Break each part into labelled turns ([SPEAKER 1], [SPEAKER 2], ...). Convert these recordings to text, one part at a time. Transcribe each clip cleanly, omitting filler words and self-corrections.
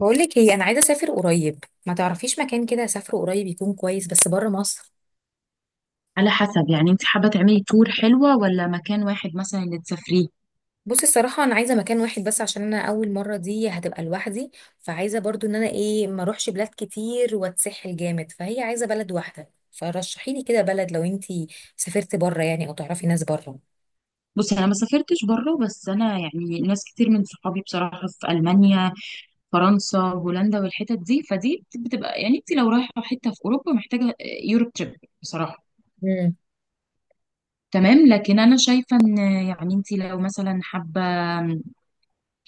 [SPEAKER 1] بقولك ايه، انا عايزه اسافر قريب. ما تعرفيش مكان كده اسافره قريب يكون كويس، بس بره مصر.
[SPEAKER 2] على حسب، يعني انت حابة تعملي تور حلوة ولا مكان واحد مثلا اللي تسافريه؟
[SPEAKER 1] بصي الصراحه انا عايزه مكان واحد بس، عشان انا اول مره دي هتبقى لوحدي. فعايزه برضو ان انا ايه، ما اروحش بلاد كتير واتسحل جامد، فهي عايزه بلد واحده. فرشحي لي كده بلد لو انتي سافرتي بره، يعني، او تعرفي ناس بره.
[SPEAKER 2] بصي، انا ما سافرتش بره، بس انا يعني ناس كتير من صحابي بصراحة في المانيا، فرنسا، هولندا، والحتت دي، فدي بتبقى يعني انت لو رايحة حتة في اوروبا محتاجة يوروب تريب بصراحة.
[SPEAKER 1] امم.
[SPEAKER 2] تمام. لكن انا شايفة ان يعني انت لو مثلا حابة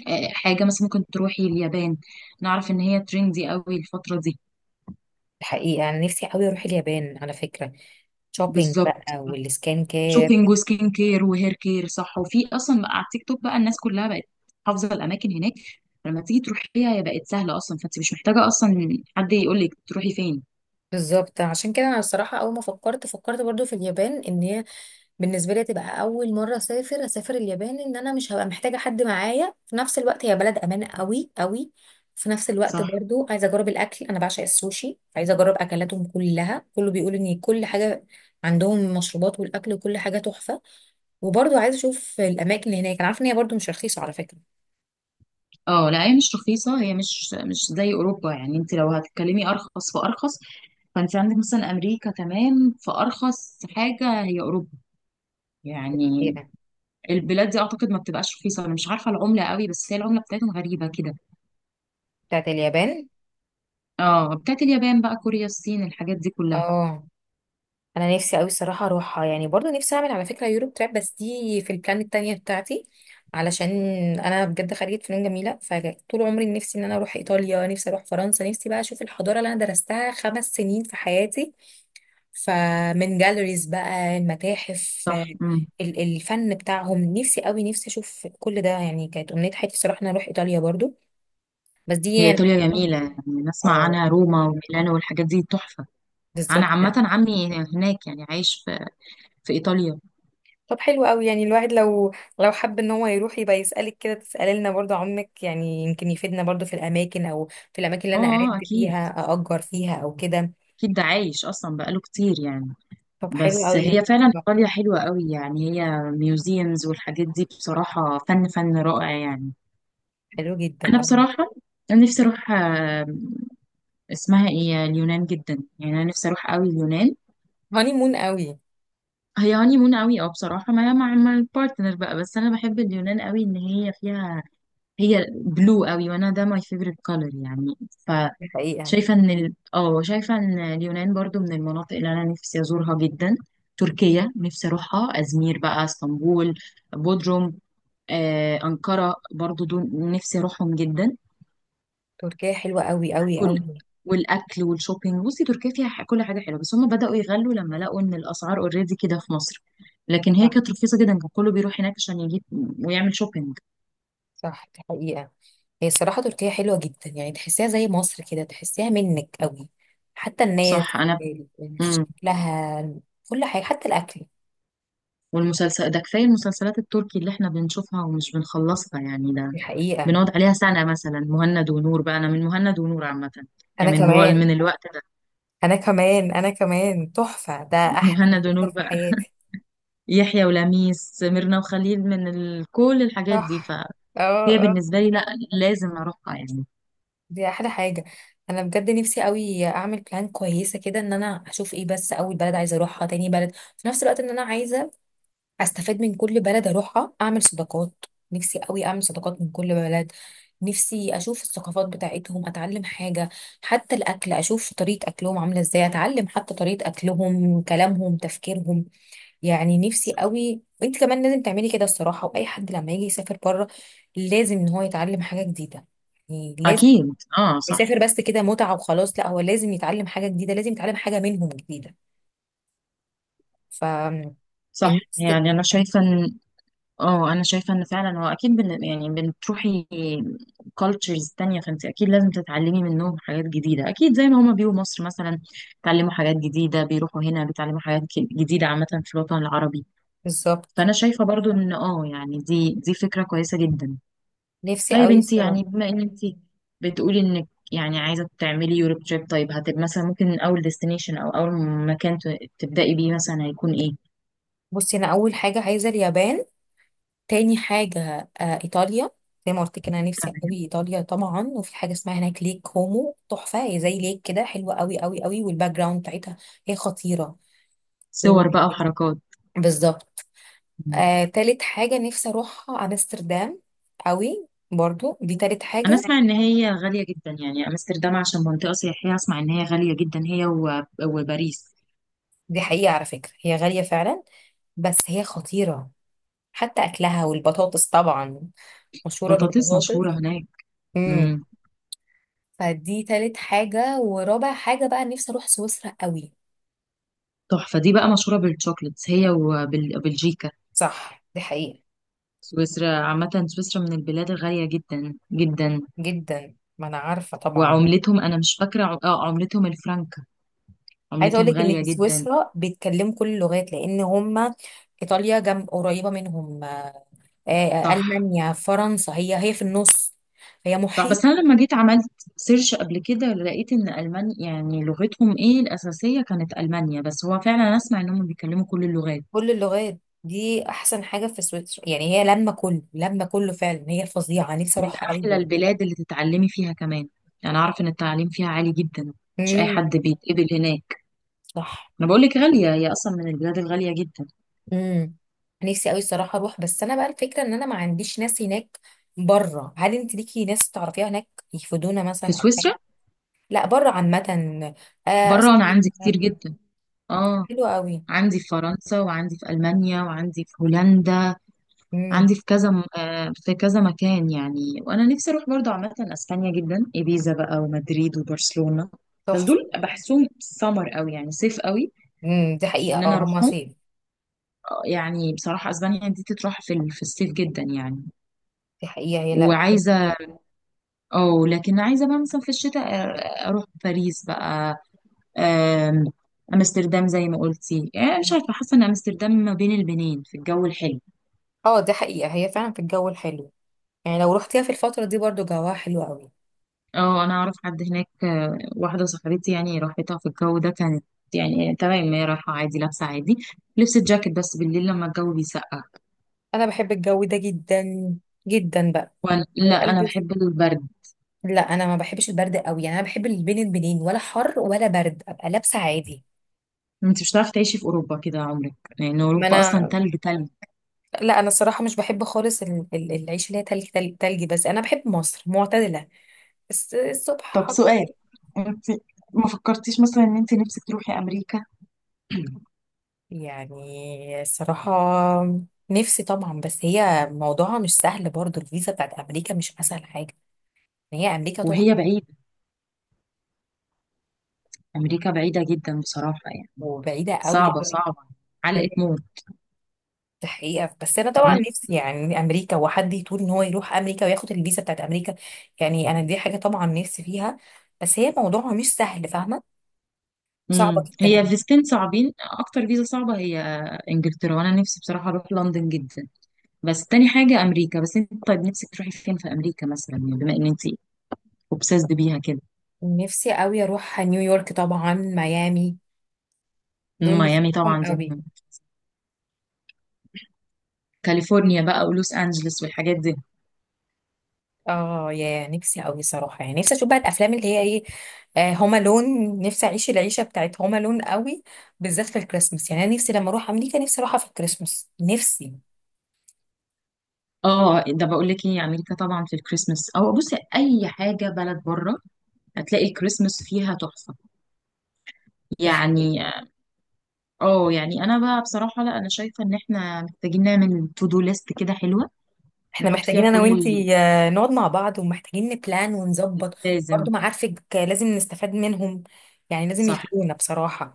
[SPEAKER 2] حاجة مثلا، ممكن تروحي اليابان. نعرف ان هي تريندي قوي الفترة دي.
[SPEAKER 1] الحقيقه انا نفسي قوي اروح اليابان على فكره. شوبينج
[SPEAKER 2] بالظبط.
[SPEAKER 1] بقى والسكان كير.
[SPEAKER 2] شوبينج وسكين كير وهير كير، صح، وفي اصلا بقى على التيك توك بقى الناس كلها بقت حافظه الاماكن هناك. لما تيجي تروحيها هي بقت سهله اصلا، فانت مش محتاجه اصلا حد يقول لك تروحي فين.
[SPEAKER 1] بالظبط، عشان كده انا الصراحه اول ما فكرت برضو في اليابان، ان هي بالنسبه لي تبقى اول مره اسافر اليابان، ان انا مش هبقى محتاجه حد معايا. في نفس الوقت هي بلد امان قوي قوي. في نفس الوقت
[SPEAKER 2] صح.
[SPEAKER 1] برضو عايزه اجرب الاكل، انا بعشق السوشي، عايزه اجرب اكلاتهم كلها. كله بيقول ان كل حاجه عندهم، المشروبات والاكل وكل حاجه تحفه. وبرضو عايزه اشوف الاماكن اللي هناك. انا عارفه ان هي برضو مش رخيصه على فكره.
[SPEAKER 2] اه، لا، هي مش رخيصه، هي مش زي اوروبا، يعني انت لو هتتكلمي ارخص فارخص، فانت عندك مثلا امريكا، تمام، فارخص حاجه هي اوروبا يعني.
[SPEAKER 1] كتيرة
[SPEAKER 2] البلاد دي اعتقد ما بتبقاش رخيصه. انا مش عارفه العمله قوي، بس هي العمله بتاعتهم غريبه كده.
[SPEAKER 1] بتاعت اليابان.
[SPEAKER 2] اه، بتاعت اليابان بقى، كوريا، الصين، الحاجات دي كلها.
[SPEAKER 1] اه انا نفسي قوي الصراحه اروحها. يعني برضو نفسي اعمل على فكره يوروب تراب، بس دي في البلان التانية بتاعتي، علشان انا بجد خريجه فنون جميله، فطول عمري نفسي ان انا اروح ايطاليا، نفسي اروح فرنسا، نفسي بقى اشوف الحضاره اللي انا درستها 5 سنين في حياتي، فمن جاليريز بقى المتاحف،
[SPEAKER 2] صح،
[SPEAKER 1] الفن بتاعهم، نفسي قوي نفسي اشوف كل ده. يعني كانت امنيه حياتي الصراحه ان انا اروح ايطاليا برضو. بس دي
[SPEAKER 2] هي
[SPEAKER 1] يعني
[SPEAKER 2] إيطاليا جميلة، يعني نسمع
[SPEAKER 1] اه،
[SPEAKER 2] عنها روما وميلانو والحاجات دي تحفة. أنا
[SPEAKER 1] بالظبط
[SPEAKER 2] عامة
[SPEAKER 1] يعني.
[SPEAKER 2] عمي هناك يعني، عايش في إيطاليا.
[SPEAKER 1] طب حلو قوي، يعني الواحد لو حب ان هو يروح يبقى يسألك كده، تسألي لنا برضه عمك، يعني يمكن يفيدنا برضه في الاماكن، او في الاماكن اللي
[SPEAKER 2] اه،
[SPEAKER 1] انا قرنت
[SPEAKER 2] أكيد.
[SPEAKER 1] فيها، اأجر فيها او كده.
[SPEAKER 2] أكيد ده عايش أصلا بقاله كتير يعني.
[SPEAKER 1] طب حلو
[SPEAKER 2] بس
[SPEAKER 1] قوي.
[SPEAKER 2] هي فعلا إيطاليا حلوة قوي، يعني هي ميوزيمز والحاجات دي بصراحة فن فن رائع يعني.
[SPEAKER 1] حلو جدا
[SPEAKER 2] أنا
[SPEAKER 1] قوي.
[SPEAKER 2] بصراحة، أنا نفسي أروح، اسمها إيه، اليونان جدا، يعني أنا نفسي أروح قوي اليونان.
[SPEAKER 1] هاني مون قوي.
[SPEAKER 2] هي هاني مون قوي، اه بصراحة، مع البارتنر بقى، بس أنا بحب اليونان قوي إن هي فيها، هي بلو قوي، وانا ده ماي فيفورت كولر يعني.
[SPEAKER 1] الحقيقة
[SPEAKER 2] فشايفه ان ال... اه شايفه ان اليونان برضو من المناطق اللي انا نفسي ازورها جدا. تركيا نفسي اروحها، ازمير بقى، اسطنبول، بودروم، أنقرة، برضو دول نفسي أروحهم جدا.
[SPEAKER 1] تركيا حلوة قوي قوي
[SPEAKER 2] كل
[SPEAKER 1] قوي.
[SPEAKER 2] والأكل والشوبينج، بصي تركيا فيها كل حاجة حلوة، بس هم بدأوا يغلوا لما لقوا إن الأسعار أوريدي كده في مصر. لكن هي
[SPEAKER 1] صح.
[SPEAKER 2] كانت رخيصة جدا، كان كله بيروح هناك عشان يجيب ويعمل شوبينج.
[SPEAKER 1] صح، دي حقيقة. هي الصراحة تركيا حلوة جدا، يعني تحسيها زي مصر كده، تحسيها منك قوي. حتى الناس
[SPEAKER 2] صح.
[SPEAKER 1] شكلها، كل حاجة حتى الأكل.
[SPEAKER 2] والمسلسل ده، كفاية المسلسلات التركي اللي احنا بنشوفها ومش بنخلصها يعني، ده
[SPEAKER 1] الحقيقة.
[SPEAKER 2] بنقعد عليها سنة مثلا. مهند ونور بقى، أنا من مهند ونور عامة،
[SPEAKER 1] أنا
[SPEAKER 2] يعني
[SPEAKER 1] كمان
[SPEAKER 2] من الوقت ده.
[SPEAKER 1] انا كمان انا كمان تحفة، ده احلى
[SPEAKER 2] مهند ونور
[SPEAKER 1] مسلسل في
[SPEAKER 2] بقى،
[SPEAKER 1] حياتي.
[SPEAKER 2] يحيى ولميس، ميرنا وخليل، كل الحاجات دي،
[SPEAKER 1] صح.
[SPEAKER 2] فهي
[SPEAKER 1] اه اه.
[SPEAKER 2] بالنسبة لي لا، لازم أروحها يعني.
[SPEAKER 1] دي احلى حاجة. انا بجد نفسي قوي اعمل بلان كويسة كده، ان انا اشوف ايه، بس اول بلد عايزة اروحها، تاني بلد في نفس الوقت، ان انا عايزة استفاد من كل بلد اروحها، اعمل صداقات. نفسي قوي اعمل صداقات من كل بلد. نفسي اشوف الثقافات بتاعتهم، اتعلم حاجة. حتى الاكل، اشوف طريقة اكلهم عاملة ازاي، اتعلم حتى طريقة اكلهم، كلامهم، تفكيرهم، يعني نفسي قوي. وانت كمان لازم تعملي كده الصراحه. واي حد لما يجي يسافر بره، لازم ان هو يتعلم حاجه جديده، يعني لازم
[SPEAKER 2] أكيد، اه، صح.
[SPEAKER 1] يسافر بس كده متعه وخلاص، لا هو لازم يتعلم حاجه جديده، لازم يتعلم حاجه منهم جديده. ف،
[SPEAKER 2] صح،
[SPEAKER 1] النفس،
[SPEAKER 2] يعني أنا شايفة إن فعلا هو أكيد يعني بتروحي كالتشرز تانية، فانت اكيد لازم تتعلمي منهم حاجات جديدة، اكيد زي ما هما بيجوا مصر مثلا بيتعلموا حاجات جديدة، بيروحوا هنا بيتعلموا حاجات جديدة عامة في الوطن العربي.
[SPEAKER 1] بالظبط.
[SPEAKER 2] فانا شايفة برضو ان يعني دي فكرة كويسة جدا.
[SPEAKER 1] نفسي
[SPEAKER 2] طيب
[SPEAKER 1] قوي
[SPEAKER 2] انت
[SPEAKER 1] الصراحه.
[SPEAKER 2] يعني بما ان انت بتقولي انك يعني عايزة تعملي يوروب تريب، طيب هتبقى مثلا ممكن اول ديستنيشن او اول مكان تبدأي بيه مثلا هيكون ايه؟
[SPEAKER 1] بصي انا اول حاجه عايزه اليابان. تاني حاجه آه ايطاليا. زي ما قلت كده، انا نفسي قوي
[SPEAKER 2] تمام.
[SPEAKER 1] ايطاليا طبعا. وفي حاجه اسمها هناك ليك كومو، تحفه. هي زي ليك كده، حلوه قوي قوي قوي، والباك جراوند بتاعتها هي خطيره. و-
[SPEAKER 2] صور بقى وحركات.
[SPEAKER 1] بالظبط. آه، تالت حاجة نفسي أروحها أمستردام، قوي برضو، دي تالت
[SPEAKER 2] انا
[SPEAKER 1] حاجة.
[SPEAKER 2] اسمع ان هي غالية جدا يعني امستردام عشان منطقة سياحية، اسمع ان هي غالية جدا، هي وباريس.
[SPEAKER 1] دي حقيقة على فكرة هي غالية فعلا، بس هي خطيرة. حتى أكلها والبطاطس طبعا، مشهورة
[SPEAKER 2] بطاطس
[SPEAKER 1] بالبطاطس.
[SPEAKER 2] مشهورة هناك.
[SPEAKER 1] امم.
[SPEAKER 2] امم.
[SPEAKER 1] فدي تالت حاجة. ورابع حاجة بقى نفسي أروح سويسرا قوي.
[SPEAKER 2] تحفة، دي بقى مشهورة بالشوكليتس هي وبلجيكا.
[SPEAKER 1] صح دي حقيقة.
[SPEAKER 2] سويسرا، عامة سويسرا من البلاد الغالية جدا جدا.
[SPEAKER 1] جدا، ما أنا عارفة طبعا.
[SPEAKER 2] وعملتهم، انا مش فاكرة عملتهم الفرنك،
[SPEAKER 1] عايزة
[SPEAKER 2] عملتهم
[SPEAKER 1] أقولك إن
[SPEAKER 2] غالية
[SPEAKER 1] في
[SPEAKER 2] جدا.
[SPEAKER 1] سويسرا بيتكلموا كل اللغات، لأن هما إيطاليا جنب قريبة منهم، آه، آه،
[SPEAKER 2] صح،
[SPEAKER 1] ألمانيا فرنسا، هي في النص، هي
[SPEAKER 2] صح.
[SPEAKER 1] محيط.
[SPEAKER 2] بس انا لما جيت عملت سيرش قبل كده، لقيت ان المانيا يعني لغتهم ايه الاساسية كانت المانيا، بس هو فعلا أنا اسمع انهم بيتكلموا كل اللغات.
[SPEAKER 1] كل اللغات دي احسن حاجه في سويسرا. يعني هي لما كله فعلا، هي الفظيعه نفسي
[SPEAKER 2] من
[SPEAKER 1] اروحها قوي
[SPEAKER 2] أحلى
[SPEAKER 1] برضه.
[SPEAKER 2] البلاد اللي تتعلمي فيها كمان، يعني أعرف إن التعليم فيها عالي جدا. مش أي
[SPEAKER 1] امم.
[SPEAKER 2] حد بيتقبل هناك.
[SPEAKER 1] صح.
[SPEAKER 2] أنا بقول لك غالية، هي أصلا من البلاد الغالية جدا.
[SPEAKER 1] امم. نفسي قوي الصراحه اروح، بس انا بقى الفكره ان انا ما عنديش ناس هناك بره. هل انت ليكي ناس تعرفيها هناك يفيدونا
[SPEAKER 2] في
[SPEAKER 1] مثلا او حاجه؟
[SPEAKER 2] سويسرا.
[SPEAKER 1] لا بره عامه. آه
[SPEAKER 2] بره أنا
[SPEAKER 1] أصحابي
[SPEAKER 2] عندي كتير
[SPEAKER 1] كمان.
[SPEAKER 2] جدا، آه
[SPEAKER 1] حلو قوي.
[SPEAKER 2] عندي في فرنسا وعندي في ألمانيا وعندي في هولندا.
[SPEAKER 1] امم.
[SPEAKER 2] عندي في كذا مكان يعني. وأنا نفسي أروح برضه عامة أسبانيا جدا، إيبيزا بقى، ومدريد، وبرشلونة، بس
[SPEAKER 1] تحفه.
[SPEAKER 2] دول بحسهم سمر قوي يعني صيف قوي
[SPEAKER 1] امم، دي حقيقه،
[SPEAKER 2] ان
[SPEAKER 1] اه
[SPEAKER 2] انا
[SPEAKER 1] هما
[SPEAKER 2] اروحهم.
[SPEAKER 1] صيف.
[SPEAKER 2] يعني بصراحه اسبانيا دي تتروح في الصيف جدا يعني.
[SPEAKER 1] دي حقيقه هي، لا.
[SPEAKER 2] وعايزه، اه لكن عايزه بقى مثلا في الشتاء اروح باريس بقى. آم، امستردام زي ما قلتي، مش عارفه، حاسه ان امستردام ما بين البنين في الجو الحلو.
[SPEAKER 1] اه دي حقيقه هي فعلا في الجو الحلو. يعني لو رحتيها في الفتره دي برضو جواها حلو قوي.
[SPEAKER 2] اه، انا اعرف حد هناك، واحده صاحبتي يعني راحتها في الجو ده كانت يعني تمام، هي رايحه عادي، لابسه عادي، لبست جاكيت بس بالليل لما الجو بيسقع.
[SPEAKER 1] انا بحب الجو ده جدا جدا بقى.
[SPEAKER 2] وانا لا، انا
[SPEAKER 1] والبس.
[SPEAKER 2] بحب البرد.
[SPEAKER 1] لا انا ما بحبش البرد قوي، يعني انا بحب اللي بين البنين، ولا حر ولا برد، ابقى لابسه عادي.
[SPEAKER 2] انت مش هتعرفي تعيشي في اوروبا كده عمرك، لان
[SPEAKER 1] ما
[SPEAKER 2] اوروبا اصلا
[SPEAKER 1] انا،
[SPEAKER 2] تلج تلج.
[SPEAKER 1] لا انا الصراحه مش بحب خالص العيش اللي هي تلج تلج تلج، بس انا بحب مصر معتدله. الصبح
[SPEAKER 2] طب
[SPEAKER 1] حر.
[SPEAKER 2] سؤال، انت ما فكرتيش مثلا ان انت نفسك تروحي امريكا؟
[SPEAKER 1] يعني الصراحه نفسي طبعا، بس هي موضوعها مش سهل برضو. الفيزا بتاعت امريكا مش اسهل حاجه. هي امريكا
[SPEAKER 2] وهي
[SPEAKER 1] تحفه
[SPEAKER 2] بعيدة. أمريكا بعيدة جدا بصراحة يعني.
[SPEAKER 1] وبعيده قوي
[SPEAKER 2] صعبة
[SPEAKER 1] قوي.
[SPEAKER 2] صعبة، علقة موت.
[SPEAKER 1] دي حقيقة، بس أنا
[SPEAKER 2] طب
[SPEAKER 1] طبعا نفسي يعني أمريكا، وحد يطول إن هو يروح أمريكا وياخد الفيزا بتاعت أمريكا. يعني أنا دي حاجة طبعا نفسي فيها، بس هي موضوعها مش سهل، فاهمة. صعبة
[SPEAKER 2] هي
[SPEAKER 1] جدا.
[SPEAKER 2] فيزتين صعبين، أكتر فيزا صعبة هي إنجلترا، وأنا نفسي بصراحة أروح لندن جدا، بس تاني حاجة أمريكا. بس أنت، طيب نفسك تروحي فين في أمريكا مثلا، يعني بما إن أنت أوبسيسد بيها كده؟
[SPEAKER 1] نفسي قوي اروح نيويورك طبعا، ميامي، دول نفسي
[SPEAKER 2] ميامي
[SPEAKER 1] اروحهم
[SPEAKER 2] طبعا، دي
[SPEAKER 1] قوي.
[SPEAKER 2] مهمة. كاليفورنيا بقى، ولوس أنجلوس، والحاجات دي.
[SPEAKER 1] اه، يا نفسي أوي صراحة، يعني نفسي أشوف بقى الأفلام اللي هي إيه، آه، هوم ألون. نفسي أعيش العيشة بتاعت هوم ألون أوي، بالذات في الكريسماس. يعني أنا نفسي لما أروح أمريكا نفسي أروحها في الكريسماس، نفسي.
[SPEAKER 2] اه، ده بقول لك ايه، امريكا طبعا في الكريسماس، او بصي اي حاجه بلد بره هتلاقي الكريسماس فيها تحفه يعني. اه، يعني انا بقى بصراحه، لا، انا شايفه ان احنا محتاجين نعمل تو دو ليست كده حلوه،
[SPEAKER 1] احنا
[SPEAKER 2] نحط فيها
[SPEAKER 1] محتاجين انا
[SPEAKER 2] كل اللي
[SPEAKER 1] وانتي آه، نقعد مع بعض، ومحتاجين نبلان ونظبط.
[SPEAKER 2] لازم.
[SPEAKER 1] برضو معارفك آه، لازم نستفاد منهم، يعني لازم
[SPEAKER 2] صح.
[SPEAKER 1] يفيدونا بصراحة.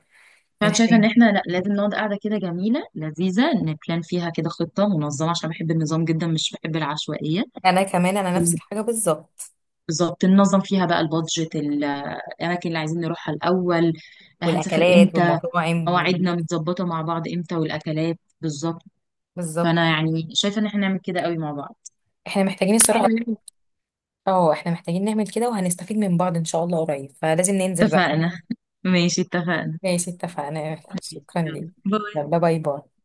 [SPEAKER 2] فانا
[SPEAKER 1] يعني
[SPEAKER 2] شايفه ان
[SPEAKER 1] احنا،
[SPEAKER 2] احنا، لا، لازم نقعد قاعده كده جميله لذيذه، نبلان فيها كده خطه منظمه، عشان بحب النظام جدا، مش بحب العشوائيه.
[SPEAKER 1] انا كمان، انا نفس
[SPEAKER 2] ون-
[SPEAKER 1] الحاجة بالظبط.
[SPEAKER 2] بالظبط، ننظم فيها بقى البادجت، الاماكن اللي عايزين نروحها الاول، هنسافر
[SPEAKER 1] والاكلات
[SPEAKER 2] امتى،
[SPEAKER 1] والمطاعم
[SPEAKER 2] مواعيدنا متظبطه مع بعض امتى، والاكلات بالظبط.
[SPEAKER 1] بالظبط.
[SPEAKER 2] فانا يعني شايفه ان احنا نعمل كده قوي مع بعض.
[SPEAKER 1] احنا محتاجين الصراحة نعمل، اه احنا محتاجين نعمل كده، وهنستفيد من بعض ان شاء الله قريب، فلازم ننزل بقى.
[SPEAKER 2] اتفقنا ماشي، اتفقنا.
[SPEAKER 1] ماشي اتفقنا، شكرا ليك.
[SPEAKER 2] باي.
[SPEAKER 1] يلا باي باي.